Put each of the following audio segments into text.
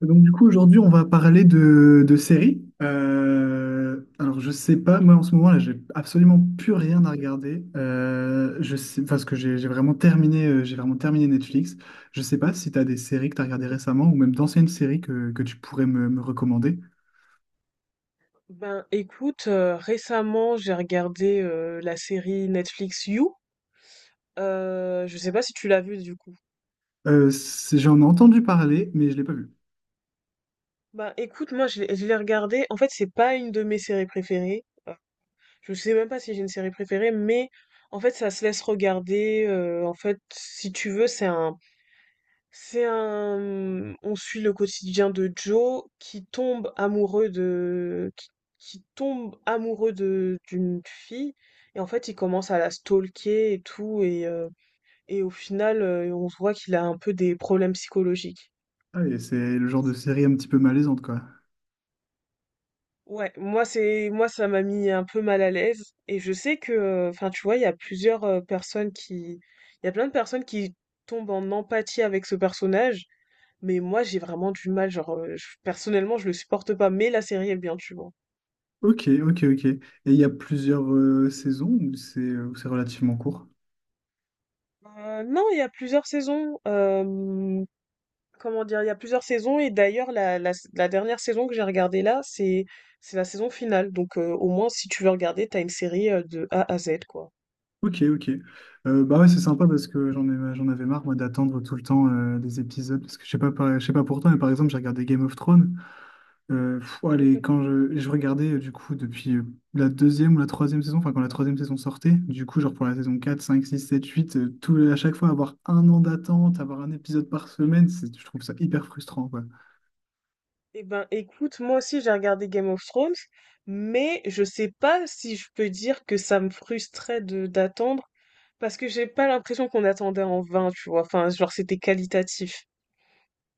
Donc du coup aujourd'hui on va parler de séries. Alors je sais pas, moi en ce moment là j'ai absolument plus rien à regarder. Je sais parce que j'ai vraiment terminé Netflix. Je sais pas si tu as des séries que tu as regardées récemment ou même d'anciennes séries que tu pourrais me recommander. Ben écoute, récemment j'ai regardé la série Netflix You. Je sais pas si tu l'as vue du coup. J'en ai entendu parler mais je l'ai pas vu. Ben écoute, moi je l'ai regardée. En fait, c'est pas une de mes séries préférées. Je sais même pas si j'ai une série préférée, mais en fait ça se laisse regarder. En fait, si tu veux, C'est un, mmh, on suit le quotidien de Joe qui tombe amoureux qui tombe amoureux d'une fille. Et en fait, il commence à la stalker et tout. Et au final, on se voit qu'il a un peu des problèmes psychologiques. Ah, et c'est le genre de série un petit peu malaisante, quoi. Ouais, moi, ça m'a mis un peu mal à l'aise. Et je sais que, enfin, tu vois, il y a plusieurs personnes qui, il y a plein de personnes qui tombent en empathie avec ce personnage. Mais moi, j'ai vraiment du mal, genre, je personnellement, je le supporte pas, mais la série est bien, tu vois? Ok, ok, ok. Et il y a plusieurs saisons, ou c'est relativement court? Non, il y a plusieurs saisons, comment dire? Il y a plusieurs saisons et d'ailleurs la dernière saison que j'ai regardée là, c'est la saison finale, donc au moins si tu veux regarder, t'as une série, de A à Z, quoi. Ok, ok. Bah ouais, c'est sympa parce que j'en avais marre, moi, d'attendre tout le temps des épisodes. Parce que je sais pas, je sais pas pour toi, mais par exemple, j'ai regardé Game of Thrones. Quand je regardais, du coup, depuis la deuxième ou la troisième saison, enfin, quand la troisième saison sortait, du coup, genre pour la saison quatre, cinq, six, sept, huit, tout, à chaque fois, avoir un an d'attente, avoir un épisode par semaine, c'est, je trouve ça hyper frustrant, quoi. Eh ben, écoute, moi aussi j'ai regardé Game of Thrones, mais je sais pas si je peux dire que ça me frustrait de d'attendre, parce que j'ai pas l'impression qu'on attendait en vain, tu vois? Enfin, genre, c'était qualitatif.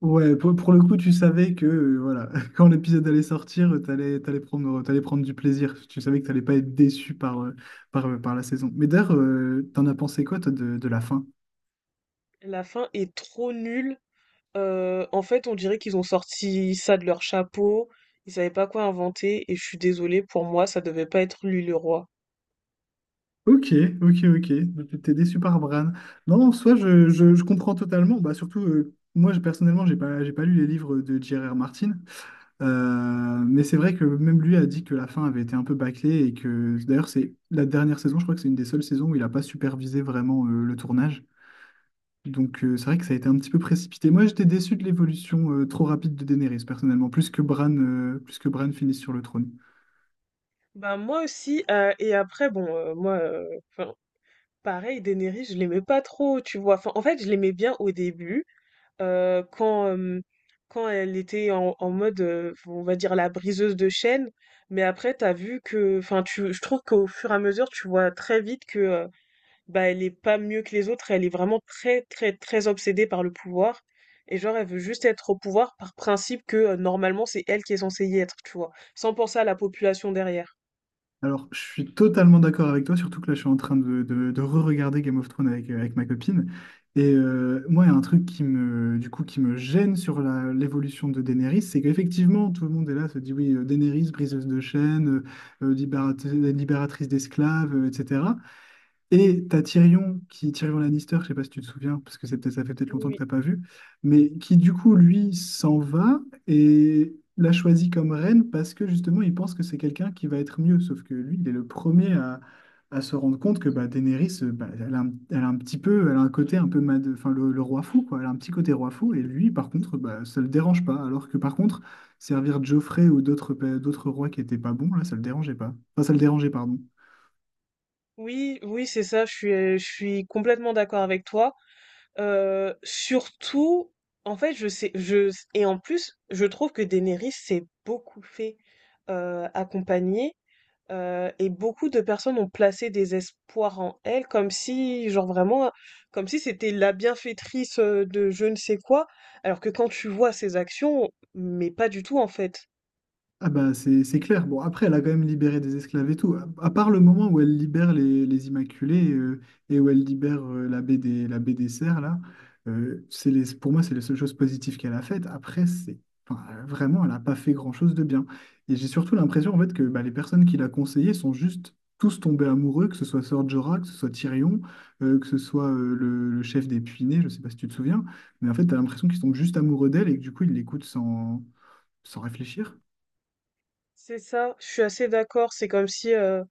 Ouais, pour le coup, tu savais que voilà, quand l'épisode allait sortir, t'allais prendre du plaisir. Tu savais que t'allais pas être déçu par la saison. Mais d'ailleurs, t'en as pensé quoi, toi, de la fin? La fin est trop nulle. En fait, on dirait qu'ils ont sorti ça de leur chapeau. Ils savaient pas quoi inventer et je suis désolée, pour moi, ça devait pas être lui le roi. Ok, ok, ok. Donc, tu T'es déçu par Bran. Non, en soi, je comprends totalement. Bah, surtout, moi, personnellement, j'ai pas lu les livres de J.R.R. Martin. Mais c'est vrai que même lui a dit que la fin avait été un peu bâclée et que d'ailleurs, c'est la dernière saison, je crois que c'est une des seules saisons où il a pas supervisé vraiment le tournage. Donc c'est vrai que ça a été un petit peu précipité. Moi, j'étais déçu de l'évolution trop rapide de Daenerys, personnellement, plus que Bran finisse sur le trône. Bah moi aussi. Et après, bon, moi, 'fin, Pareil, Daenerys, je l'aimais pas trop, tu vois. Enfin, en fait, je l'aimais bien au début, euh, quand euh, quand elle était en mode, on va dire la briseuse de chaînes. Mais après, t'as vu que, enfin, tu, je trouve qu'au fur et à mesure, tu vois très vite que bah elle est pas mieux que les autres, elle est vraiment très très très obsédée par le pouvoir et genre elle veut juste être au pouvoir par principe que normalement c'est elle qui est censée y être, tu vois, sans penser à la population derrière. Alors, je suis totalement d'accord avec toi, surtout que là, je suis en train de re-regarder Game of Thrones avec ma copine. Et moi, il y a un truc qui me gêne sur l'évolution de Daenerys, c'est qu'effectivement, tout le monde est là, se dit, oui, Daenerys, briseuse de chaînes, libératrice d'esclaves, etc. Et t'as Tyrion Lannister, je sais pas si tu te souviens, parce que ça fait peut-être Oui, longtemps que oui. t'as pas vu, mais qui du coup, lui, s'en va et l'a choisi comme reine parce que justement, il pense que c'est quelqu'un qui va être mieux. Sauf que lui, il est le premier à se rendre compte que bah, Daenerys, elle a un côté un peu mad, enfin, le roi fou, quoi. Elle a un petit côté roi fou, et lui, par contre, bah, ça le dérange pas. Alors que par contre, servir Joffrey ou d'autres rois qui étaient pas bons, là, ça le dérangeait pas. Enfin, ça le dérangeait, pardon. Oui, oui, c'est ça, je suis complètement d'accord avec toi. Euh, surtout, En fait, et en plus, je trouve que Daenerys s'est beaucoup fait accompagner, et beaucoup de personnes ont placé des espoirs en elle, comme si, genre vraiment, comme si c'était la bienfaitrice de je ne sais quoi, alors que quand tu vois ses actions, mais pas du tout en fait. Ah bah c'est clair. Bon, après, elle a quand même libéré des esclaves et tout. À part le moment où elle libère les Immaculés et où elle libère la baie des Cerfs, là. Pour moi, c'est les seules choses positives qu'elle a faites. Après, vraiment, elle n'a pas fait grand-chose de bien. Et j'ai surtout l'impression, en fait, que bah, les personnes qui l'a conseillé sont juste tous tombés amoureux, que ce soit Sœur Jorah, que ce soit Tyrion, que ce soit le chef des Puinés, je sais pas si tu te souviens, mais en fait, tu as l'impression qu'ils tombent juste amoureux d'elle et que du coup, ils l'écoutent sans réfléchir. C'est ça, je suis assez d'accord. C'est comme si,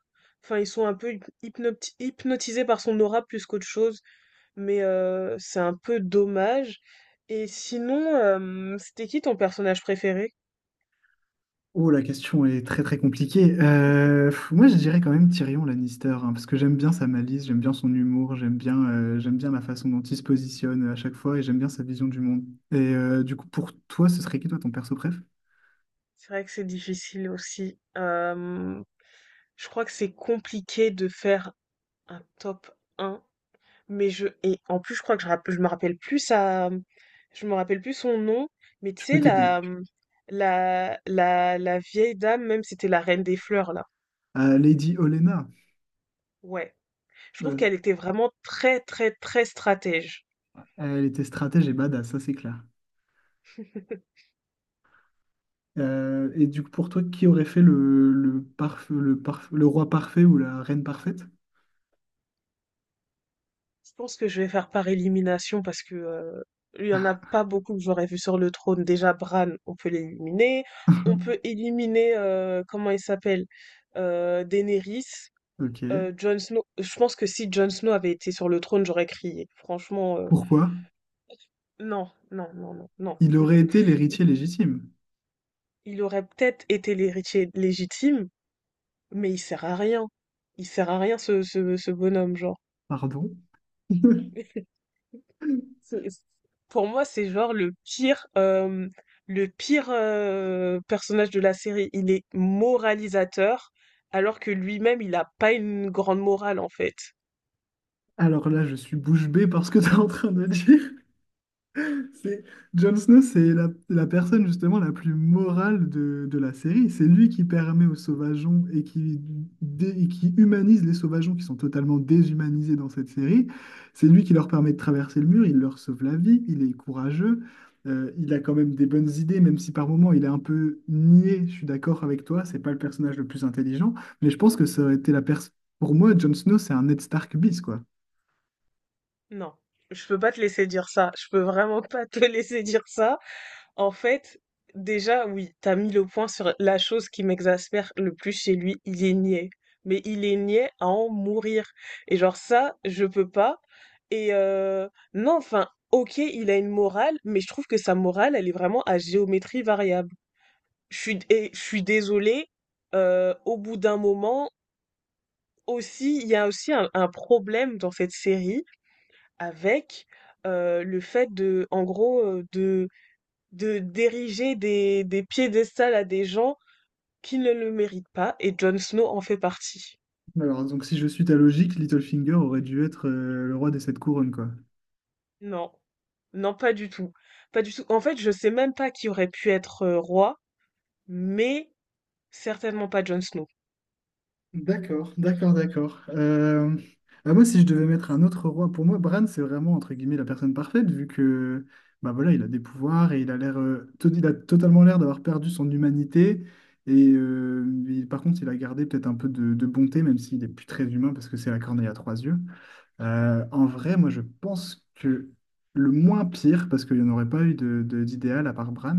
enfin, ils sont un peu hypnotisés par son aura plus qu'autre chose, mais c'est un peu dommage. Et sinon, c'était qui ton personnage préféré? Oh, la question est très très compliquée. Moi, je dirais quand même Tyrion Lannister, hein, parce que j'aime bien sa malice, j'aime bien son humour, j'aime bien la façon dont il se positionne à chaque fois et j'aime bien sa vision du monde. Et du coup, pour toi, ce serait qui toi ton perso préf? C'est vrai que c'est difficile aussi. Je crois que c'est compliqué de faire un top un, mais je et en plus, je crois que je, rapp- je me rappelle plus ça, je me rappelle plus son nom, mais tu Je peux sais t'aider. la vieille dame, même c'était la reine des fleurs là. Lady Olenna. Ouais, je trouve qu'elle Euh, était vraiment très très très stratège. Elle était stratège et badass, ça c'est clair. Et du coup, pour toi, qui aurait fait le roi parfait ou la reine parfaite? Je pense que je vais faire par élimination parce que il y en a pas beaucoup que j'aurais vu sur le trône. Déjà Bran, on peut l'éliminer. On peut éliminer comment il s'appelle Daenerys, Ok. Jon Snow. Je pense que si Jon Snow avait été sur le trône, j'aurais crié. Franchement, Pourquoi? non, non, non, non, non. Il aurait été l'héritier légitime. Il aurait peut-être été l'héritier légitime, mais il sert à rien. Il sert à rien ce bonhomme, genre. Pardon? C'est Pour moi, c'est genre le pire personnage de la série. Il est moralisateur, alors que lui-même, il n'a pas une grande morale en fait. Alors là, je suis bouche bée par ce que tu es en train de dire. C'est Jon Snow, c'est la personne justement la plus morale de la série. C'est lui qui permet aux sauvageons et qui humanise les sauvageons qui sont totalement déshumanisés dans cette série. C'est lui qui leur permet de traverser le mur, il leur sauve la vie, il est courageux, il a quand même des bonnes idées, même si par moments il est un peu niais, je suis d'accord avec toi, c'est pas le personnage le plus intelligent, mais je pense que ça aurait été la personne... Pour moi, Jon Snow, c'est un Ned Stark bis, quoi. Non, je peux pas te laisser dire ça. Je peux vraiment pas te laisser dire ça. En fait, déjà, oui, t'as mis le point sur la chose qui m'exaspère le plus chez lui, il est niais. Mais il est niais à en mourir. Et genre ça, je peux pas. Et euh, non, enfin, ok, il a une morale, mais je trouve que sa morale, elle est vraiment à géométrie variable. Je suis désolée, au bout d'un moment, aussi, il y a aussi un problème dans cette série avec le fait de, en gros, de d'ériger des piédestals à des gens qui ne le méritent pas, et Jon Snow en fait partie. Alors, donc si je suis ta logique, Littlefinger aurait dû être le roi des sept couronnes, quoi. Non, non, pas du tout. Pas du tout. En fait, je sais même pas qui aurait pu être roi, mais certainement pas Jon Snow. D'accord, d'accord, d'accord. Bah, moi, si je devais mettre un autre roi, pour moi, Bran, c'est vraiment, entre guillemets, la personne parfaite, vu que, bah voilà, il a des pouvoirs et il a totalement l'air d'avoir perdu son humanité. Par contre, il a gardé peut-être un peu de bonté, même s'il n'est plus très humain, parce que c'est la corneille à trois yeux. En vrai, moi, je pense que le moins pire, parce qu'il n'y en aurait pas eu d'idéal à part Bran,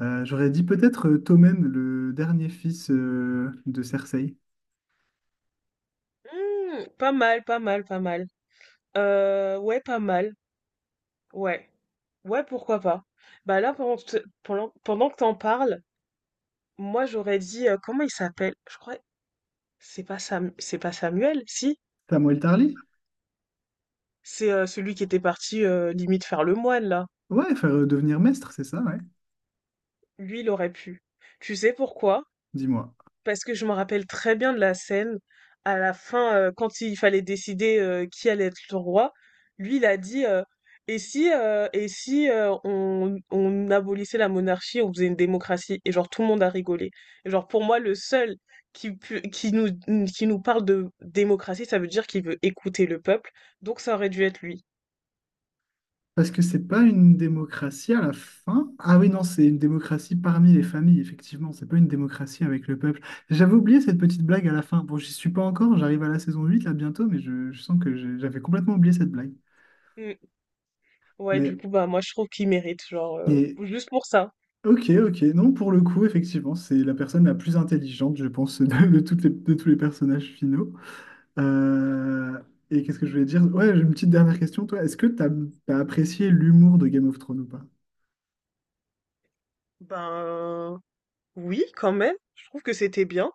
J'aurais dit peut-être Tommen, le dernier fils de Cersei. Hmm, pas mal, pas mal, pas mal. Ouais, pas mal. Ouais. Ouais, pourquoi pas. Bah là, pendant que t'en parles, moi j'aurais dit, comment il s'appelle? Je crois, c'est pas Sam, c'est pas Samuel, si? Samuel Tarly? C'est celui qui était parti limite faire le moine, là. Ouais, faire devenir maître, c'est ça, ouais. Lui, il aurait pu. Tu sais pourquoi? Dis-moi. Parce que je me rappelle très bien de la scène. À la fin, quand il fallait décider qui allait être le roi, lui, il a dit et si, on abolissait la monarchie, on faisait une démocratie? Et genre, tout le monde a rigolé. Et genre, pour moi, le seul qui, pu- qui nous parle de démocratie, ça veut dire qu'il veut écouter le peuple. Donc, ça aurait dû être lui. Parce que c'est pas une démocratie à la fin. Ah oui, non, c'est une démocratie parmi les familles, effectivement. C'est pas une démocratie avec le peuple. J'avais oublié cette petite blague à la fin. Bon, j'y suis pas encore, j'arrive à la saison 8, là bientôt, mais je sens que j'avais complètement oublié cette blague. Mm. Ouais, du Mais, coup, bah, moi, je trouve qu'il mérite, genre, mais, juste pour ça. ok, ok. Non, pour le coup, effectivement, c'est la personne la plus intelligente, je pense, de tous les personnages finaux. Euh, et qu'est-ce que je voulais dire? Ouais, j'ai une petite dernière question, toi. Est-ce que t'as apprécié l'humour de Game of Thrones ou pas? Ben oui, quand même. Je trouve que c'était bien.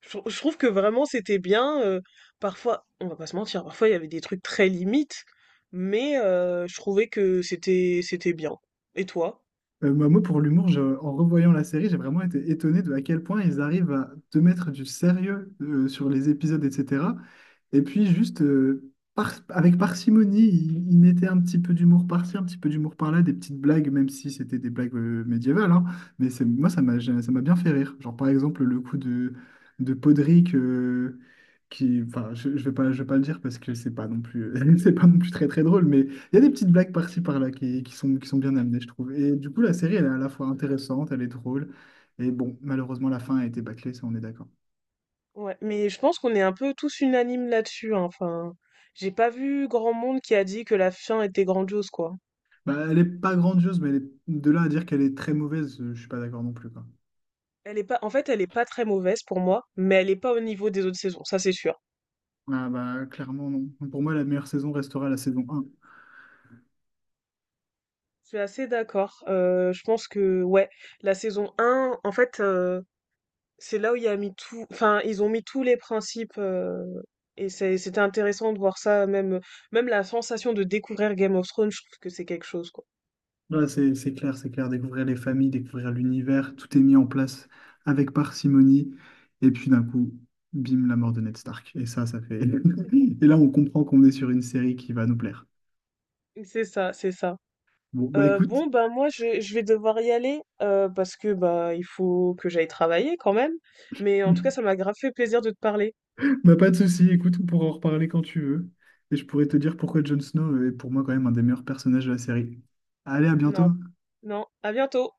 Je trouve que vraiment c'était bien. Parfois, on va pas se mentir, parfois il y avait des trucs très limites, mais je trouvais que c'était bien. Et toi? Pour l'humour, en revoyant la série, j'ai vraiment été étonné de à quel point ils arrivent à te mettre du sérieux sur les épisodes, etc. Et puis juste avec parcimonie, il mettait un petit peu d'humour par-ci, un petit peu d'humour par-là, des petites blagues, même si c'était des blagues médiévales. Hein. Mais moi, ça m'a bien fait rire. Genre par exemple le coup de Podrick, qui, enfin, je vais pas le dire parce que c'est pas non plus, c'est pas non plus très très drôle. Mais il y a des petites blagues par-ci par-là qui sont bien amenées, je trouve. Et du coup, la série, elle est à la fois intéressante, elle est drôle. Et bon, malheureusement, la fin a été bâclée, ça on est d'accord. Ouais, mais je pense qu'on est un peu tous unanimes là-dessus. Hein, Enfin, j'ai pas vu grand monde qui a dit que la fin était grandiose, quoi. Bah, elle est pas grandiose, mais de là à dire qu'elle est très mauvaise, je suis pas d'accord non plus, quoi. Elle est pas très mauvaise pour moi, mais elle est pas au niveau des autres saisons, ça c'est sûr. Ah bah clairement non. Pour moi, la meilleure saison restera la saison un. Je suis assez d'accord. Je pense que ouais, la saison un, en fait. C'est là où il y a mis tout, enfin, ils ont mis tous les principes et c'était intéressant de voir ça, même, même la sensation de découvrir Game of Thrones, je trouve que c'est quelque chose, quoi. Ouais, c'est clair, c'est clair. Découvrir les familles, découvrir l'univers, tout est mis en place avec parcimonie. Et puis d'un coup, bim, la mort de Ned Stark. Et ça fait. Et là, on comprend qu'on est sur une série qui va nous plaire. C'est ça, c'est ça. Bon, bah écoute, Bon, ben moi, je vais devoir y aller parce que bah il faut que j'aille travailler quand même. Mais en tout cas, ça m'a grave fait plaisir de te parler. bah pas de souci, écoute, on pourra en reparler quand tu veux. Et je pourrais te dire pourquoi Jon Snow est pour moi quand même un des meilleurs personnages de la série. Allez, à bientôt! Non, non, à bientôt.